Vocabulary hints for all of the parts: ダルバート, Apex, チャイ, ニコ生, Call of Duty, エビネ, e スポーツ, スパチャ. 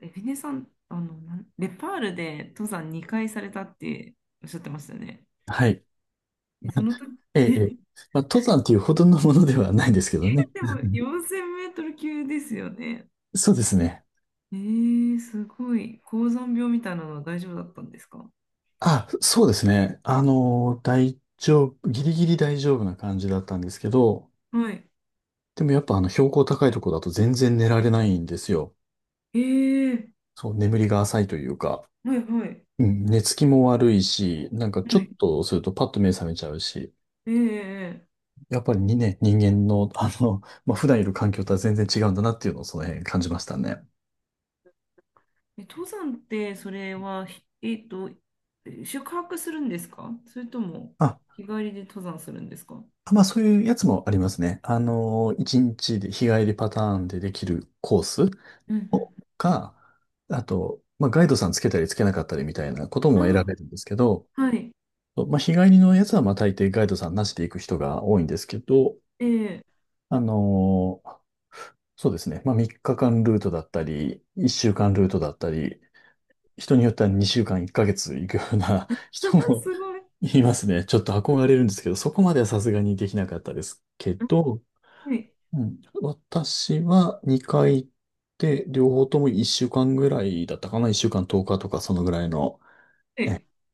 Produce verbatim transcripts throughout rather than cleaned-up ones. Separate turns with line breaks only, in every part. エビネさん、あの、なん、ネパールで登山にかいされたっておっしゃってましたね。
はい。
え、その時、
ええ、ええ。まあ、登山っていうほどのものではないんですけどね。
でも よんせんメートル級ですよね。
そうですね。
えー、すごい。高山病みたいなのは大丈夫だったんですか？
あ、そうですね。あの、大丈夫、ギリギリ大丈夫な感じだったんですけど、
はい。
でもやっぱあの標高高いとこだと全然寝られないんですよ。
えー、
そう、眠りが浅いというか、
はいはい。
うん、寝つきも悪いし、なんかち
は
ょっ
い。
とするとパッと目覚めちゃうし、
えー、えー
やっぱりにね、人間の、あの、まあ、普段いる環境とは全然違うんだなっていうのをその辺感じましたね。
え登山ってそれは、ひえっと、え宿泊するんですか？それとも
あ
日帰りで登山するんですか？
あ、まあそういうやつもありますね。あの、いちにちで日帰りパターンでできるコース
うん
をか、あと、まあガイドさんつけたりつけなかったりみたいなこと
う
も選べ
ん。
るんですけど、
あ、はい。
まあ日帰りのやつはまあ大抵ガイドさんなしで行く人が多いんですけど、
えー、
あの、そうですね。まあみっかかんルートだったり、いっしゅうかんルートだったり、人によってはにしゅうかんいっかげつ行くような 人 も
すごい。
いますね。ちょっと憧れるんですけど、そこまではさすがにできなかったですけど、
はい。
うん、私はにかい行って、両方ともいっしゅうかんぐらいだったかな？ いっ 週間とおかとかそのぐらいの
え、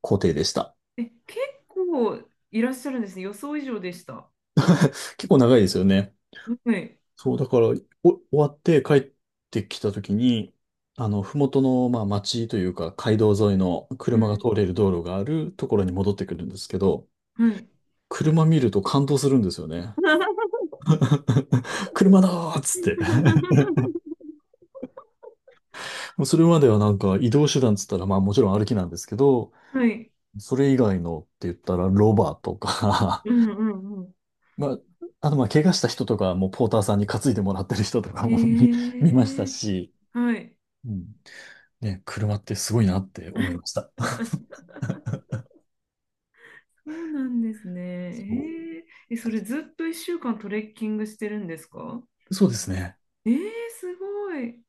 行程でした。
え、結構いらっしゃるんですね。予想以上でした。
結構長いですよね。
はい。
そう、だから、お終わって帰ってきた時に、あの、ふもとの、まあ、町というか、街道沿いの
う
車が通
ん。
れる道路があるところに戻ってくるんですけど、
はい。
車見ると感動するんですよね。車だーっつって。もうそれまではなんか移動手段っつったら、まあもちろん歩きなんですけど、
はい。
それ以外のって言ったら、ロバとか、
うんうんうん。
まあ、あと、まあ、怪我した人とかはも、ポーターさんに担いでもらってる人とか
え
も 見、見ました
え、
し、
はい。
うん。ね、車ってすごいなって思いました。
そうなんです
そ
ね。
う
えええ、そ
で
れ
す。
ずっといっしゅうかんトレッキングしてるんですか？
そうですね。
ええ、すごい。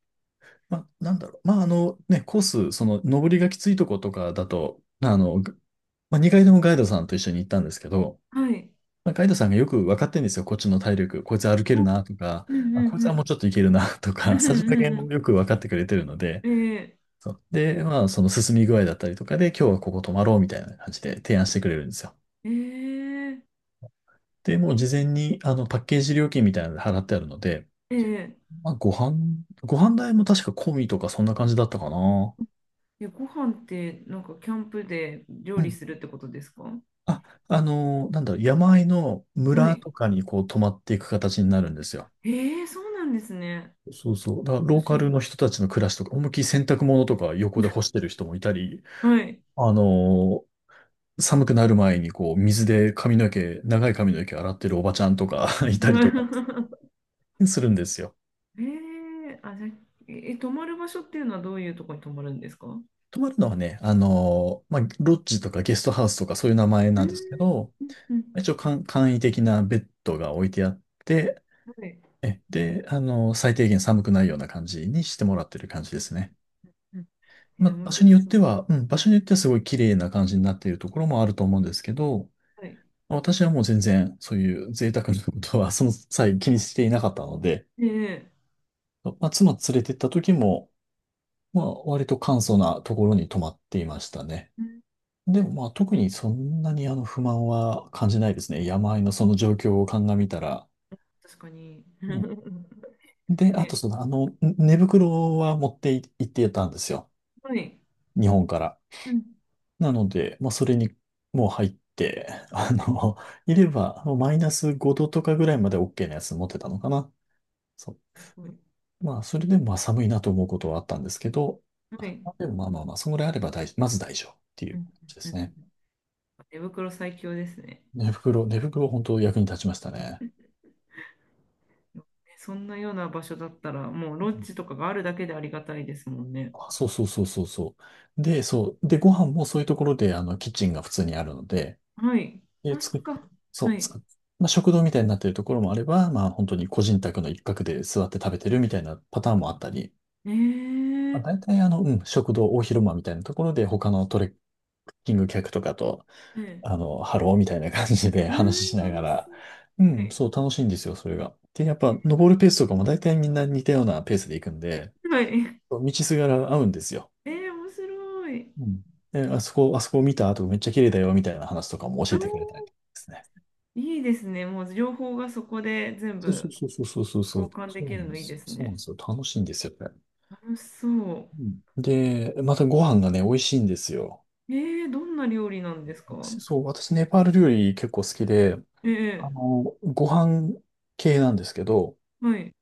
まあ、なんだろう。まあ、あの、ね、コース、その、登りがきついとことかだと、まあの、まあ、にかいともガイドさんと一緒に行ったんですけど、
はい。
まあ、ガイドさんがよく分かってるんですよ。こっちの体力。こいつ歩ける
うん
なとか、
うん
あ、
う
こい
ん
つ
う
はもう
ん。
ちょっといけるなと
う
か、さじ加
ん
減
う
を
ん
よく分かってくれてるので、
うん。ええ
そう。で、まあ、その進み具合だったりとかで、今日はここ泊まろうみたいな感じで提案してくれるんですよ。
ええ
で、もう事前に、あの、パッケージ料金みたいなので払ってあるので、
ええ
まあ、ご飯、ご飯代も確か込みとかそんな感じだったかな。
え、ご飯ってなんかキャンプで料
う
理
ん。
するってことですか？は
あ、あのーなんだろう、山あいの村
い。
とかにこう泊まっていく形になるんですよ。
ええ、そうなんですね。
そうそう。だから
面
ローカル
白
の
い。
人たちの暮らしとか、思いっきり洗濯物とか横で干してる人もいたり、
はい。
あのー寒くなる前にこう水で髪の毛、長い髪の毛洗ってるおばちゃんとか いたりとか、するんですよ。
ええ、あ、じゃあ、え、泊まる場所っていうのはどういうところに泊まるんですか？うん
泊まるのはね、あのーまあ、ロッジとかゲストハウスとかそういう名前
う
なんですけど、
んうん、
一応簡、簡易的なベッドが置いてあって、
はい。
え、で、あのー最低限寒くないような感じにしてもらってる感じ
う
で
ん
すね。
うん、
ま
え
あ、
ー、面
場所に
白
よっ
そ
て
う。
は、うん、場所によってはすごい綺麗な感じになっているところもあると思うんですけど、
はい。
まあ私はもう全然そういう贅沢なことはその際気にしていなかったので、
ええ、
まあ、妻連れてった時も、まあ、割と簡素なところに泊まっていましたね。
うん、
でもまあ特にそんなにあの不満は感じないですね。山あいのその状況を鑑みたら。
確かに。
うん。で、あと
ね。
そのあのん寝袋は持ってい行ってたんですよ。
はい。
日本から。
うん。
なので、まあそれにもう入って、あ
はい。
の、いればあのマイナスごどとかぐらいまで OK なやつ持ってたのかな。そう。
すごいです。
まあそれでもまあ寒いなと思うことはあったんですけど、
はい。
でもまあまあまあ、そのぐらいあれば大、まず大丈夫ってい
う
う
ん
感じで
うん
すね。
うん。手袋最強ですね。
寝袋、寝袋本当役に立ちましたね。
ね、そんなような場所だったら、もうロッジとかがあるだけでありがたいですもんね。
あ、そうそうそうそうそう。で、そう。で、ご飯もそういうところで、あの、キッチンが普通にあるので、
はい。あ、
で、
そ
作
っ
っ、
か。は
そう、
い。
作っ、まあ、食堂みたいになってるところもあれば、まあ、本当に個人宅の一角で座って食べてるみたいなパターンもあったり、
え
ま
ー、
あ、大体、あの、うん、食堂、大広間みたいなところで、他のトレッキング客とかと、
ええ、
あの、ハローみたいな感じで
うー
話し
ん、
しなが
楽しそ
ら、
う。
う
は
ん、
い。
そう、楽しいんですよ、それが。で、やっぱ、登るペースとかも大体みんな似たようなペースで行くんで、
はい。
道すがら合うんですよ。
えー、面白い。
うん。え、あそこ、あそこ見た後めっちゃ綺麗だよみたいな話とかも
あ
教えてくれたりで
ー、
すね。
いいですね。もう情報がそこで全
そうそ
部
うそうそうそうそうそ
交
う。
換で
そう
き
な
る
ん
の
で
いい
す
で
よ。
す
そうな
ね。
んですよ。楽しいんですよ、これ。
楽しそ
うんで、またご飯がね、美味しいんですよ。
う。えー、どんな料理なんですか？
私、そう、私、ネパール料理結構好きで、あ
ええ、
の、ご飯系なんですけど、
はい。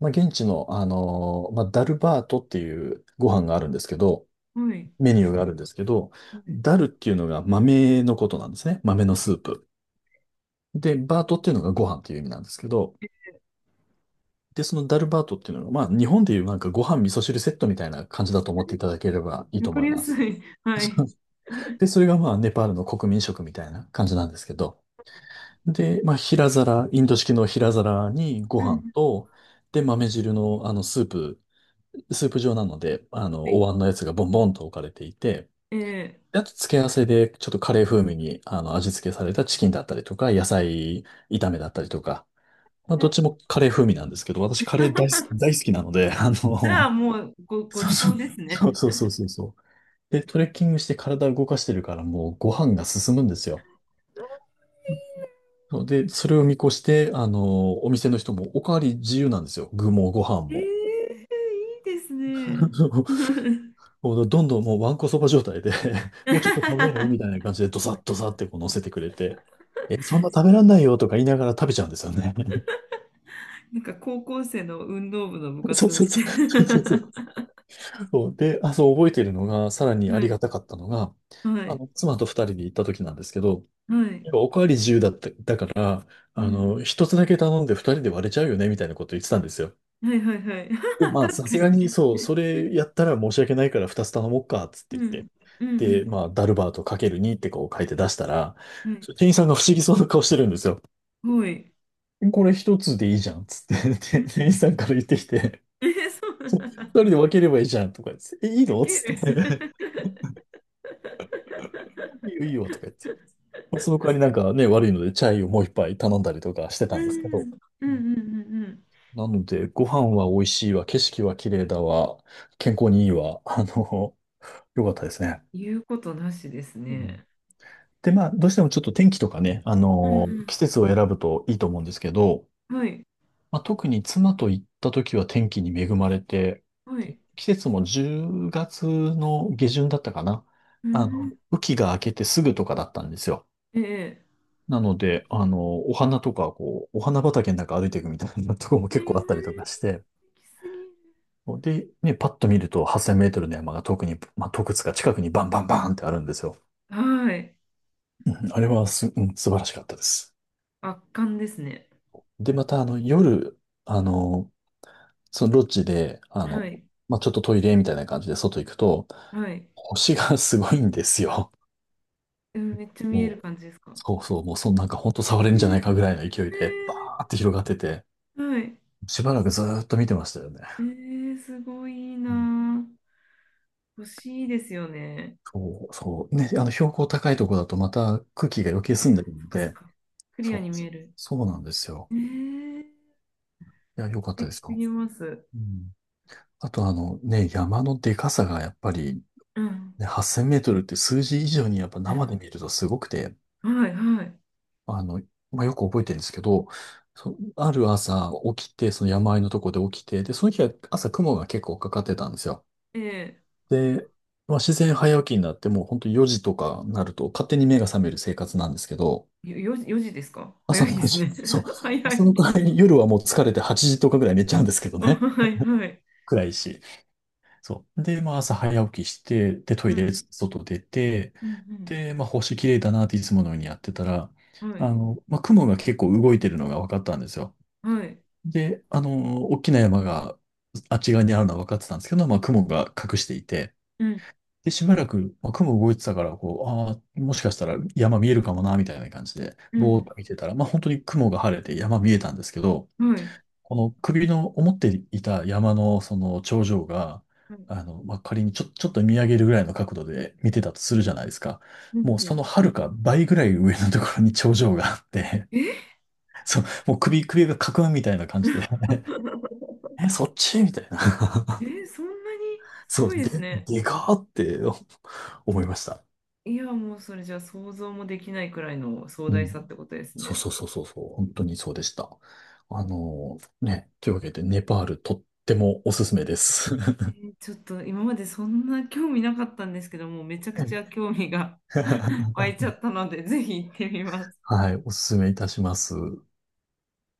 まあ、現地の、あの、まあ、ダルバートっていうご飯があるんですけど、
はい。
メニューがあるんですけど、
はい。
ダルっていうのが豆のことなんですね。豆のスープ。で、バートっていうのがご飯っていう意味なんですけど、で、そのダルバートっていうのが、まあ、日本でいうなんかご飯味噌汁セットみたいな感じだと思っていただければいい
わ
と
か
思
り
い
や
ま
す
す。
い。はい。
で、それがまあ、ネパールの国民食みたいな感じなんですけど。で、まあ、平皿、インド式の平皿にご
う
飯
ん。
と、で、豆汁のあの、スープ、スープ状なので、あの、
は
お
い。
椀のやつがボンボンと置かれていて、
え
であと、付け合わせで、ちょっとカレー風味に、あの、味付けされたチキンだったりとか、野菜炒めだったりとか、まあ、
え。
どっちもカレー風味なんですけど、私カレー大好き、大 好きなので、あ
じゃ
の、
あもうご、ご
そう
ち
そ
そう
う。
ですね。
そうそうそうそうそう。で、トレッキングして体を動かしてるからもうご飯が進むんですよ。そうで、それを見越して、あの、お店の人もおかわり自由なんですよ。具もご飯
えー、い
も。
いですね。
もうどんどんもうわんこそば状態で、 もうちょっと食べないみたいな感じでドサッドサッってこう乗せてくれて、え、そんな食べらんないよとか言いながら食べちゃうんですよね。
なんか高校生の運動部の部
そ
活
うそ
み
う
た
そ
い
う。そうそうそう。で、あ、そう覚えてるのが、さらに
な。
あ
は
り
い、
がたかったのが、
は
あ
い、
の、つまとふたりで行った時なんですけど、
はい、
おかわり自由だった、だから、
う
あ
ん、
の、ひとつだけ頼んでふたりでわれちゃうよね、みたいなこと言ってたんですよ。
はいはいはい。
で、まあ、
確
さ
か
すがに、そう、
に。
それやったら申し訳ないから二つ頼もうか、つっ
う
て言っ
ん、
て。
う
で、
ん、
まあ、ダルバートかけるにってこう書いて出したら、
うん、はい、
店員さんが不思議そうな顔してるんですよ。
はい。
これ一つでいいじゃん、つって。
う
で
ん、
店員さんから言ってきて、
えー、そうなん
二人
だ。
で分ければいいじゃん、とか言って、え、いい
ウ
の
ケ
つっ
る。
て。いいよ、いいよ、とか言って。その代わりなんかね、悪いので、チャイをもう一杯頼んだりとかしてたんで
う
すけ
ん、う
ど。
ん、うん、うん、うん。
なので、ご飯は美味しいわ、景色は綺麗だわ、健康にいいわ、あの、良かったですね。
言うことなしです
うん
ね。
で、まあ、どうしてもちょっと天気とかね、あ
うん、
の、
う
季節を選ぶといいと思うんですけど、
ん、はい。
まあ、特に妻と行った時は天気に恵まれて、
は
で
い。
季節もじゅうがつの下旬だったかな。
う
あの、
ん。
雨季が明けてすぐとかだったんですよ。
ええ。
なので、あの、お花とか、こう、お花畑の中歩いていくみたいなところも
ええ、行
結構あったりとかして、
き過ぎる。
で、ね、パッと見るとはっせんメートルの山が遠くに、まあ、洞窟が近くにバンバンバーンってあるんですよ。
はい。
うんあれはす、うん、素晴らしかったです。
圧巻ですね。
で、また、あの、夜、あの、そのロッジで、あ
は
の、
い。
まあ、ちょっとトイレみたいな感じで外行くと、
はい。
星が すごいんですよ。
え、めっちゃ見える
もう、
感じですか？
そうそう、もうそんなんか本当触れ
え
るんじゃ
え、
ないかぐらいの勢いで、バー
え
って広がってて、
え、はい。
しばらくずーっと見てましたよね。
ええ、すごいいい
うん
な。欲しいですよね。
そう、そう。ね、あの、標高高いとこだとまた空気が余計澄んでる
そっ
の
かそっ
で、
か。クリア
そ
に
う、
見える。
そうなんですよ。
ええ、素
いや、良かったで
敵
す
す
か。
ぎます。
うん。あとあのね、山のでかさがやっぱり、
うん。
ね、はっせんメートルって数字以上にやっぱ生で見るとすごくて、
はい、はい。
あの、まあ、よく覚えてるんですけど、そ、ある朝起きて、その山あいのとこで起きて、で、その日は朝雲が結構かかってたんですよ。
え
で、まあ、自然早起きになってもう本当よじとかになると勝手に目が覚める生活なんですけど、
え、よ、よじですか？
朝
早い
の
で
4
す
時、
ね。
そう、
早い。は
朝の代わりに夜はもう疲れてはちじとかぐらい寝ちゃうんですけどね。
い、はい。
暗いし。そう。で、まあ、朝早起きして、で、トイ
は
レ、
い。
外出て、
うん、
で、まあ、星綺麗だなっていつものようにやってたら、
うん。は
あ
い。
の、まあ、雲が結構動いてるのが分かったんですよ。
はい。
で、あの、大きな山があっち側にあるのは分かってたんですけど、まあ、雲が隠していて、
うん、
で、しばらく、まあ、雲動いてたから、こう、ああ、もしかしたら山見えるかもな、みたいな感じで、
う
ぼーっ
ん、
と見てたら、まあ、本当に雲が晴れて山見えたんですけど、
はい。
この首の思っていた山のその頂上が、
うん、
あの、まあ、仮にちょ、ちょっと見上げるぐらいの角度で見てたとするじゃないですか。
う
も
ん、
う
は
その
い。
遥か倍ぐらい上のところに頂上があって、
え
そう、もう首、首がかくんみたいな感じで、え、そっちみたいな。
え、そんなに？す
そ
ごい
う、
です
で、
ね。
でかーって 思いました。
いや、もうそれじゃ想像もできないくらいの壮
う
大
ん。
さってことです
そう
ね。
そうそうそうそう、本当にそうでした。あのね、というわけで、ネパールとってもおすすめです。
えーちょっと今までそんな興味なかったんですけども、めちゃくちゃ 興味が 湧いちゃったので、ぜひ行ってみます。
はい、おすすめいたします。